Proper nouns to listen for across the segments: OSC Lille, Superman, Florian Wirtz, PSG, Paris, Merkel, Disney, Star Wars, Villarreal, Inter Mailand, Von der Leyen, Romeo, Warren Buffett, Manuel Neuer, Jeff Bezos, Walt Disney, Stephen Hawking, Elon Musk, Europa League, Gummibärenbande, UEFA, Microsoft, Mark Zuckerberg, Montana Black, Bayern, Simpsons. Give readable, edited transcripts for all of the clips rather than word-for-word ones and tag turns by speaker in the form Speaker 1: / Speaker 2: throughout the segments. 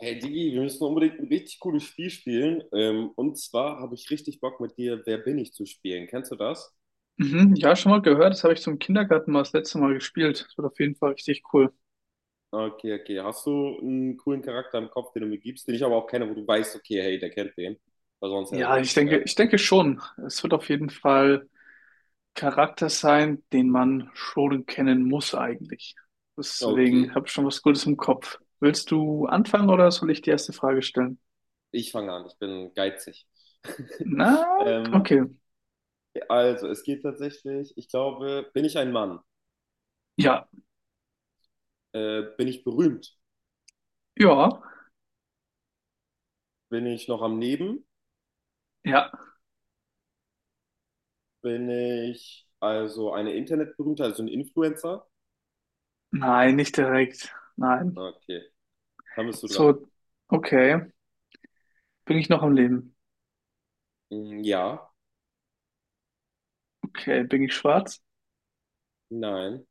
Speaker 1: Hey Digi, wir müssen unbedingt ein richtig cooles Spiel spielen. Und zwar habe ich richtig Bock mit dir, Wer bin ich zu spielen. Kennst du das?
Speaker 2: Mhm, ja, schon mal gehört. Das habe ich zum Kindergarten mal das letzte Mal gespielt. Das wird auf jeden Fall richtig cool.
Speaker 1: Okay, okay. Hast du einen coolen Charakter im Kopf, den du mir gibst, den ich aber auch kenne, wo du weißt, okay, hey, der kennt den. Weil sonst wäre das
Speaker 2: Ja,
Speaker 1: richtig
Speaker 2: ich denke,
Speaker 1: schwer.
Speaker 2: ich denke schon. Es wird auf jeden Fall Charakter sein, den man schon kennen muss eigentlich. Deswegen
Speaker 1: Okay,
Speaker 2: habe ich schon was Gutes im Kopf. Willst du anfangen oder soll ich die erste Frage stellen?
Speaker 1: ich fange an. Ich bin geizig.
Speaker 2: Na,
Speaker 1: Ähm,
Speaker 2: okay.
Speaker 1: also, es geht tatsächlich, ich glaube, bin ich ein Mann?
Speaker 2: Ja,
Speaker 1: Bin ich berühmt?
Speaker 2: ja,
Speaker 1: Bin ich noch am Leben?
Speaker 2: ja.
Speaker 1: Bin ich also eine Internetberühmte, also ein Influencer?
Speaker 2: Nein, nicht direkt. Nein.
Speaker 1: Okay. Dann bist du dran.
Speaker 2: So, okay. Bin ich noch am Leben?
Speaker 1: Mm, ja,
Speaker 2: Okay, bin ich schwarz?
Speaker 1: nein.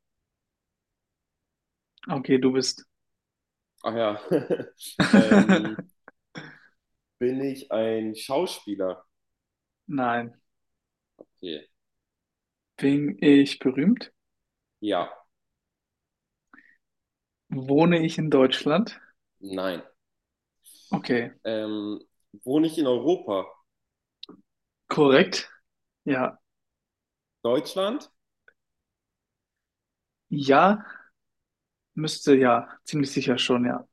Speaker 2: Okay, du bist.
Speaker 1: Ach ja. Ähm, Bin ich ein Schauspieler?
Speaker 2: Nein.
Speaker 1: Okay.
Speaker 2: Bin ich berühmt?
Speaker 1: Ja,
Speaker 2: Wohne ich in Deutschland?
Speaker 1: nein.
Speaker 2: Okay,
Speaker 1: Ähm, Wohne ich in Europa?
Speaker 2: korrekt. Ja,
Speaker 1: Deutschland?
Speaker 2: ja, müsste ja, ziemlich sicher schon, ja.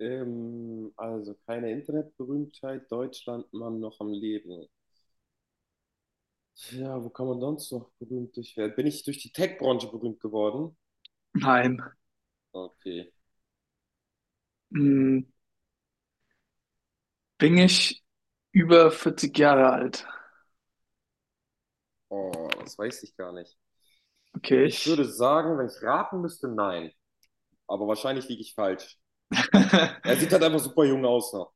Speaker 1: Also keine Internetberühmtheit. Deutschland, Mann, noch am Leben. Ja, wo kann man sonst noch berühmt durch werden? Bin ich durch die Tech-Branche berühmt geworden?
Speaker 2: Nein.
Speaker 1: Okay.
Speaker 2: Hm, Bin ich über 40 Jahre alt?
Speaker 1: Oh, das weiß ich gar nicht.
Speaker 2: Okay,
Speaker 1: Ich würde
Speaker 2: ich.
Speaker 1: sagen, wenn ich raten müsste, nein. Aber wahrscheinlich liege ich falsch. Er sieht halt einfach super jung aus noch.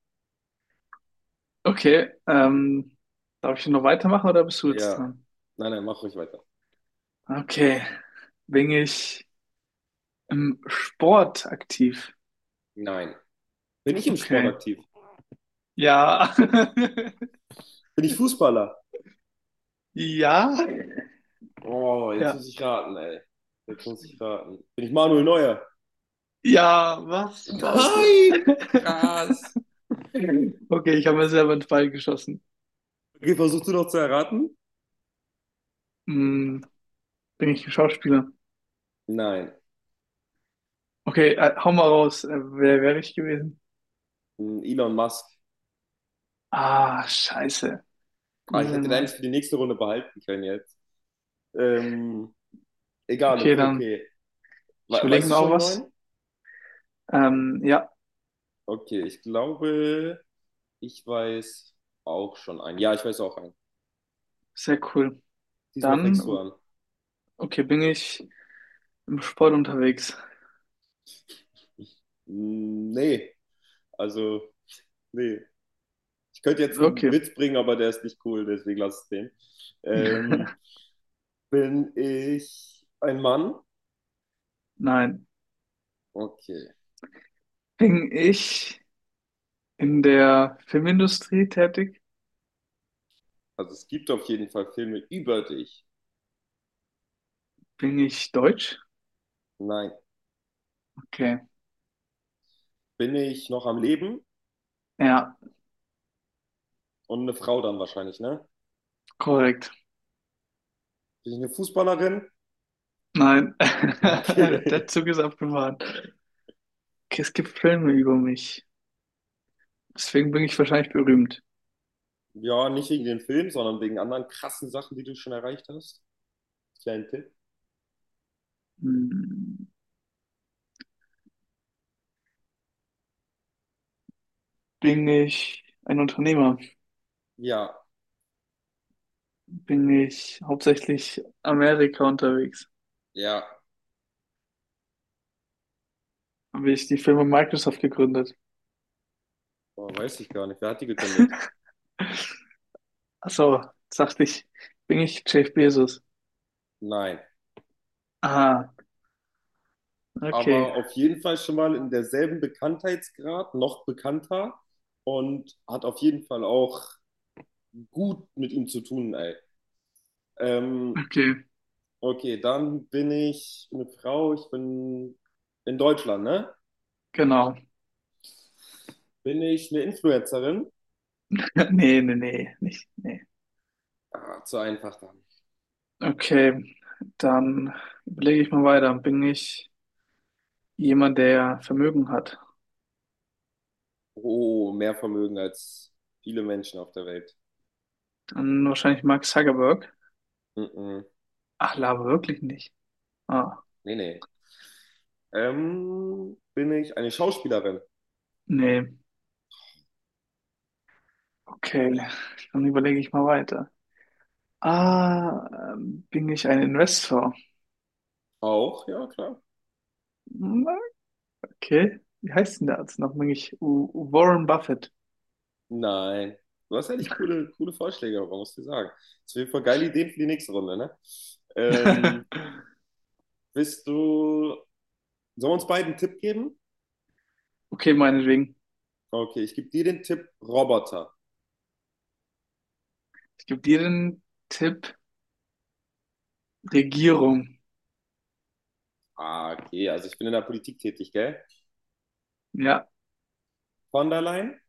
Speaker 2: Okay, darf ich noch weitermachen oder bist du jetzt
Speaker 1: Ja.
Speaker 2: dran?
Speaker 1: Nein, nein, mach ruhig weiter.
Speaker 2: Okay, bin ich im Sport aktiv?
Speaker 1: Nein. Bin ich im Sport
Speaker 2: Okay,
Speaker 1: aktiv?
Speaker 2: ja.
Speaker 1: Bin ich Fußballer?
Speaker 2: Ja,
Speaker 1: Oh, jetzt
Speaker 2: ja.
Speaker 1: muss ich raten, ey. Jetzt muss ich raten. Bin ich Manuel Neuer?
Speaker 2: Ja, was? Scheiße.
Speaker 1: Nein! Krass.
Speaker 2: Okay, ich habe mir
Speaker 1: Krass.
Speaker 2: selber einen Pfeil geschossen.
Speaker 1: Okay, versuchst du noch zu erraten?
Speaker 2: Hm, Bin ich ein Schauspieler?
Speaker 1: Nein.
Speaker 2: Okay, hau mal raus. Wer wäre ich gewesen?
Speaker 1: Hm, Elon Musk.
Speaker 2: Ah, scheiße.
Speaker 1: Ah, ich hätte
Speaker 2: Elon
Speaker 1: den eigentlich
Speaker 2: Musk.
Speaker 1: für die nächste Runde behalten können jetzt. Ähm, Egal,
Speaker 2: Okay,
Speaker 1: okay,
Speaker 2: dann,
Speaker 1: okay. We
Speaker 2: ich überlege
Speaker 1: Weißt du
Speaker 2: mir
Speaker 1: schon
Speaker 2: auch
Speaker 1: einen
Speaker 2: was.
Speaker 1: neuen?
Speaker 2: Ja,
Speaker 1: Okay, ich glaube, ich weiß auch schon einen. Ja, ich weiß auch einen.
Speaker 2: sehr cool.
Speaker 1: Diesmal fängst du
Speaker 2: Dann,
Speaker 1: an.
Speaker 2: okay, bin ich im Sport unterwegs?
Speaker 1: Mm, nee, also, nee. Ich könnte jetzt einen
Speaker 2: Okay.
Speaker 1: Witz bringen, aber der ist nicht cool, deswegen lass es den. Ähm, Bin ich ein Mann?
Speaker 2: Nein.
Speaker 1: Okay.
Speaker 2: Bin ich in der Filmindustrie tätig?
Speaker 1: Also es gibt auf jeden Fall Filme über dich.
Speaker 2: Bin ich deutsch?
Speaker 1: Nein.
Speaker 2: Okay.
Speaker 1: Bin ich noch am Leben?
Speaker 2: Ja,
Speaker 1: Und eine Frau dann wahrscheinlich, ne?
Speaker 2: korrekt.
Speaker 1: Bin ich eine Fußballerin?
Speaker 2: Nein,
Speaker 1: Okay.
Speaker 2: der Zug ist abgefahren. Okay, es gibt Filme über mich. Deswegen bin ich wahrscheinlich berühmt.
Speaker 1: Ja, nicht wegen den Filmen, sondern wegen anderen krassen Sachen, die du schon erreicht hast. Kleinen Tipp.
Speaker 2: Hm, Bin ich ein Unternehmer?
Speaker 1: Ja,
Speaker 2: Bin ich hauptsächlich Amerika unterwegs?
Speaker 1: ja.
Speaker 2: Habe ich die Firma Microsoft gegründet?
Speaker 1: Oh, weiß ich gar nicht. Wer hat die gegründet?
Speaker 2: Ach so, sagte ich, bin ich Jeff Bezos?
Speaker 1: Nein.
Speaker 2: Ah, okay,
Speaker 1: Aber auf jeden Fall schon mal in derselben Bekanntheitsgrad, noch bekannter und hat auf jeden Fall auch gut mit ihm zu tun, ey. Ähm,
Speaker 2: okay,
Speaker 1: okay, dann bin ich eine Frau, ich bin in Deutschland, ne?
Speaker 2: genau.
Speaker 1: Bin ich eine Influencerin?
Speaker 2: Nee, nee, nee, nicht, nee.
Speaker 1: Ah, zu einfach dann.
Speaker 2: Okay, dann überlege ich mal weiter. Bin ich jemand, der Vermögen hat?
Speaker 1: Oh, mehr Vermögen als viele Menschen auf der Welt.
Speaker 2: Dann wahrscheinlich Mark Zuckerberg.
Speaker 1: Mm -mm.
Speaker 2: Ach, Lava wirklich nicht. Ah,
Speaker 1: Nee, nee. Bin ich eine Schauspielerin?
Speaker 2: nee. Okay, dann überlege ich mal weiter. Ah, bin ich ein Investor?
Speaker 1: Auch, ja, klar.
Speaker 2: Hm, Okay, wie heißt denn der Arzt noch? Bin ich Warren Buffett?
Speaker 1: Nein. Du hast eigentlich coole, coole Vorschläge, aber muss ich sagen. Das sind auf jeden Fall geile Ideen für die nächste Runde, ne? Ähm, Bist du. Sollen wir uns beiden einen Tipp geben?
Speaker 2: Okay, meinetwegen.
Speaker 1: Okay, ich gebe dir den Tipp Roboter.
Speaker 2: Ich gebe dir den Tipp. Regierung.
Speaker 1: Ah, okay, also ich bin in der Politik tätig, gell?
Speaker 2: Ja,
Speaker 1: Von der Leyen?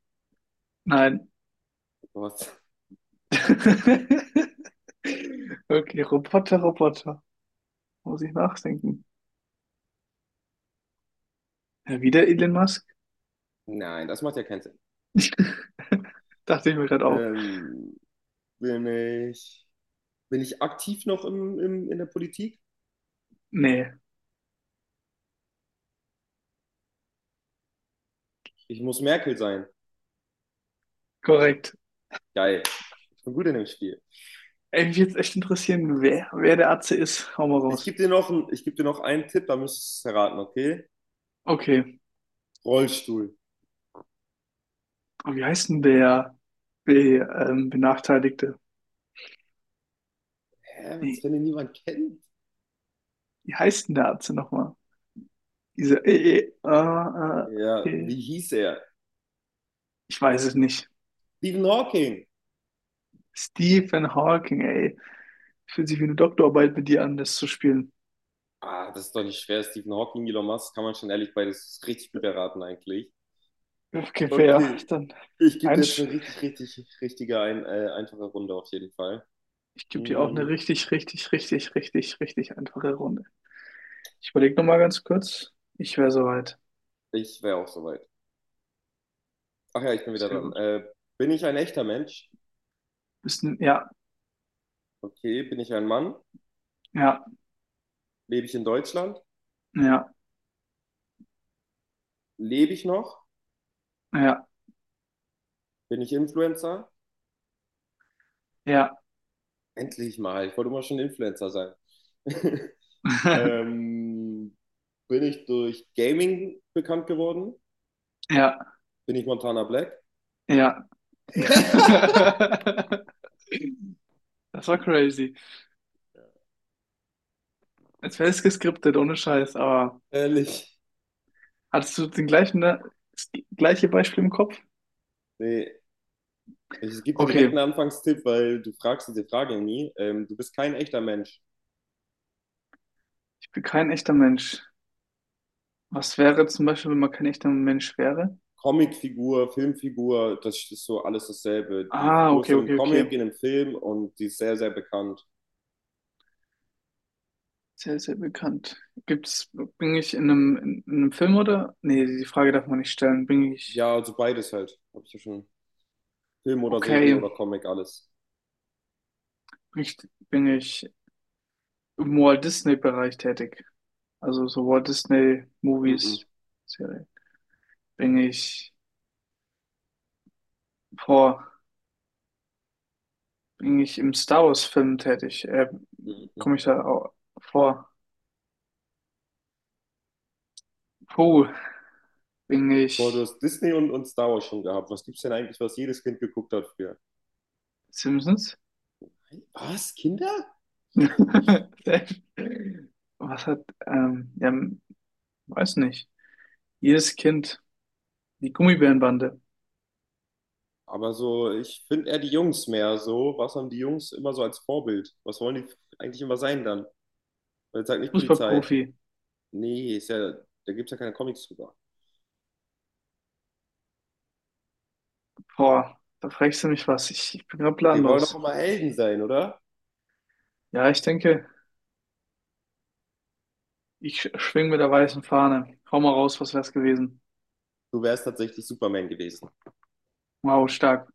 Speaker 2: nein.
Speaker 1: Was?
Speaker 2: Okay, Roboter, Roboter. Muss ich nachdenken. Ja, wieder Elon Musk?
Speaker 1: Nein, das macht ja keinen Sinn.
Speaker 2: Dachte ich mir gerade auch.
Speaker 1: Ähm, Bin ich. Bin ich aktiv noch in der Politik?
Speaker 2: Nee,
Speaker 1: Ich muss Merkel sein.
Speaker 2: korrekt.
Speaker 1: Geil. Ich bin gut in dem Spiel.
Speaker 2: Ey, mich jetzt echt interessieren, wer der Atze ist. Hau mal
Speaker 1: Ich gebe
Speaker 2: raus.
Speaker 1: dir noch, ich geb dir noch einen Tipp, da müsstest du es erraten, okay?
Speaker 2: Okay.
Speaker 1: Rollstuhl.
Speaker 2: Und wie heißt denn der Be Benachteiligte?
Speaker 1: Hä, was,
Speaker 2: Nee,
Speaker 1: wenn ihn niemand kennt?
Speaker 2: wie heißt denn der Atze nochmal? Diese, äh,
Speaker 1: Ja,
Speaker 2: äh,
Speaker 1: wie hieß er?
Speaker 2: ich weiß es nicht.
Speaker 1: Stephen Hawking.
Speaker 2: Stephen Hawking, ey. Fühlt sich wie eine Doktorarbeit mit dir an, das zu spielen.
Speaker 1: Ah, das ist doch nicht schwer. Stephen Hawking, Elon Musk, kann man schon ehrlich beides richtig gut erraten eigentlich.
Speaker 2: Okay, fair.
Speaker 1: Okay.
Speaker 2: Dann
Speaker 1: Ich gebe dir jetzt
Speaker 2: eins.
Speaker 1: eine richtig, richtig, richtige, einfache Runde auf jeden Fall.
Speaker 2: Ich gebe dir auch eine
Speaker 1: Hm,
Speaker 2: richtig, richtig, richtig, richtig, richtig einfache Runde. Ich überlege nochmal ganz kurz. Ich wäre soweit.
Speaker 1: ich wäre auch soweit. Ach ja, ich bin wieder
Speaker 2: Sehr
Speaker 1: dran.
Speaker 2: gut.
Speaker 1: Bin ich ein echter Mensch?
Speaker 2: Bisschen, ja,
Speaker 1: Okay. Bin ich ein Mann?
Speaker 2: ja,
Speaker 1: Lebe ich in Deutschland?
Speaker 2: ja,
Speaker 1: Lebe ich noch?
Speaker 2: ja.
Speaker 1: Bin ich Influencer?
Speaker 2: Ja,
Speaker 1: Endlich mal. Ich wollte immer schon Influencer sein. Ähm, Bin ich durch Gaming bekannt geworden?
Speaker 2: ja,
Speaker 1: Bin ich Montana Black?
Speaker 2: ja. Das war crazy. Als wäre es geskriptet, ohne Scheiß, aber
Speaker 1: Ehrlich.
Speaker 2: hattest du den gleichen, ne, das gleiche Beispiel im Kopf?
Speaker 1: Nee, ich gebe dir direkt
Speaker 2: Okay,
Speaker 1: einen Anfangstipp, weil du fragst diese Frage nie. Du bist kein echter Mensch.
Speaker 2: ich bin kein echter Mensch. Was wäre zum Beispiel, wenn man kein echter Mensch wäre?
Speaker 1: Comicfigur, Filmfigur, das ist so alles dasselbe. Die
Speaker 2: Ah,
Speaker 1: Figur ist
Speaker 2: okay,
Speaker 1: in einem
Speaker 2: okay, okay.
Speaker 1: Comic, in einem Film und die ist sehr, sehr bekannt.
Speaker 2: Sehr, sehr bekannt. Gibt's, bin ich in einem, Film oder? Nee, die Frage darf man nicht stellen.
Speaker 1: Ja, also beides halt. Hab ich ja schon. Film oder Serie
Speaker 2: Okay,
Speaker 1: oder Comic, alles.
Speaker 2: bin ich, bin ich im Walt Disney-Bereich tätig? Also so Walt Disney
Speaker 1: Mm-mm,
Speaker 2: Movies, Serie. Bin ich vor, bin ich im Star Wars Film tätig?
Speaker 1: mm-mm.
Speaker 2: Komme ich da vor? Puh, bin
Speaker 1: Boah, du
Speaker 2: ich
Speaker 1: hast Disney und Star Wars schon gehabt. Was gibt's denn eigentlich, was jedes Kind geguckt hat früher?
Speaker 2: Simpsons?
Speaker 1: Was? Kinder?
Speaker 2: Was hat, ja, weiß nicht. Jedes Kind, die Gummibärenbande,
Speaker 1: Aber so, ich finde eher die Jungs mehr so. Was haben die Jungs immer so als Vorbild? Was wollen die eigentlich immer sein dann? Und jetzt sagt nicht Polizei.
Speaker 2: Fußballprofi.
Speaker 1: Nee, ist ja, da gibt es ja keine Comics drüber.
Speaker 2: Boah, da fragst du mich was. Ich bin gerade
Speaker 1: Die wollen doch
Speaker 2: planlos.
Speaker 1: immer Helden sein, oder?
Speaker 2: Ja, ich denke, ich schwing mit der weißen Fahne. Hau mal raus, was wär's gewesen?
Speaker 1: Du wärst tatsächlich Superman gewesen.
Speaker 2: Wow, stark.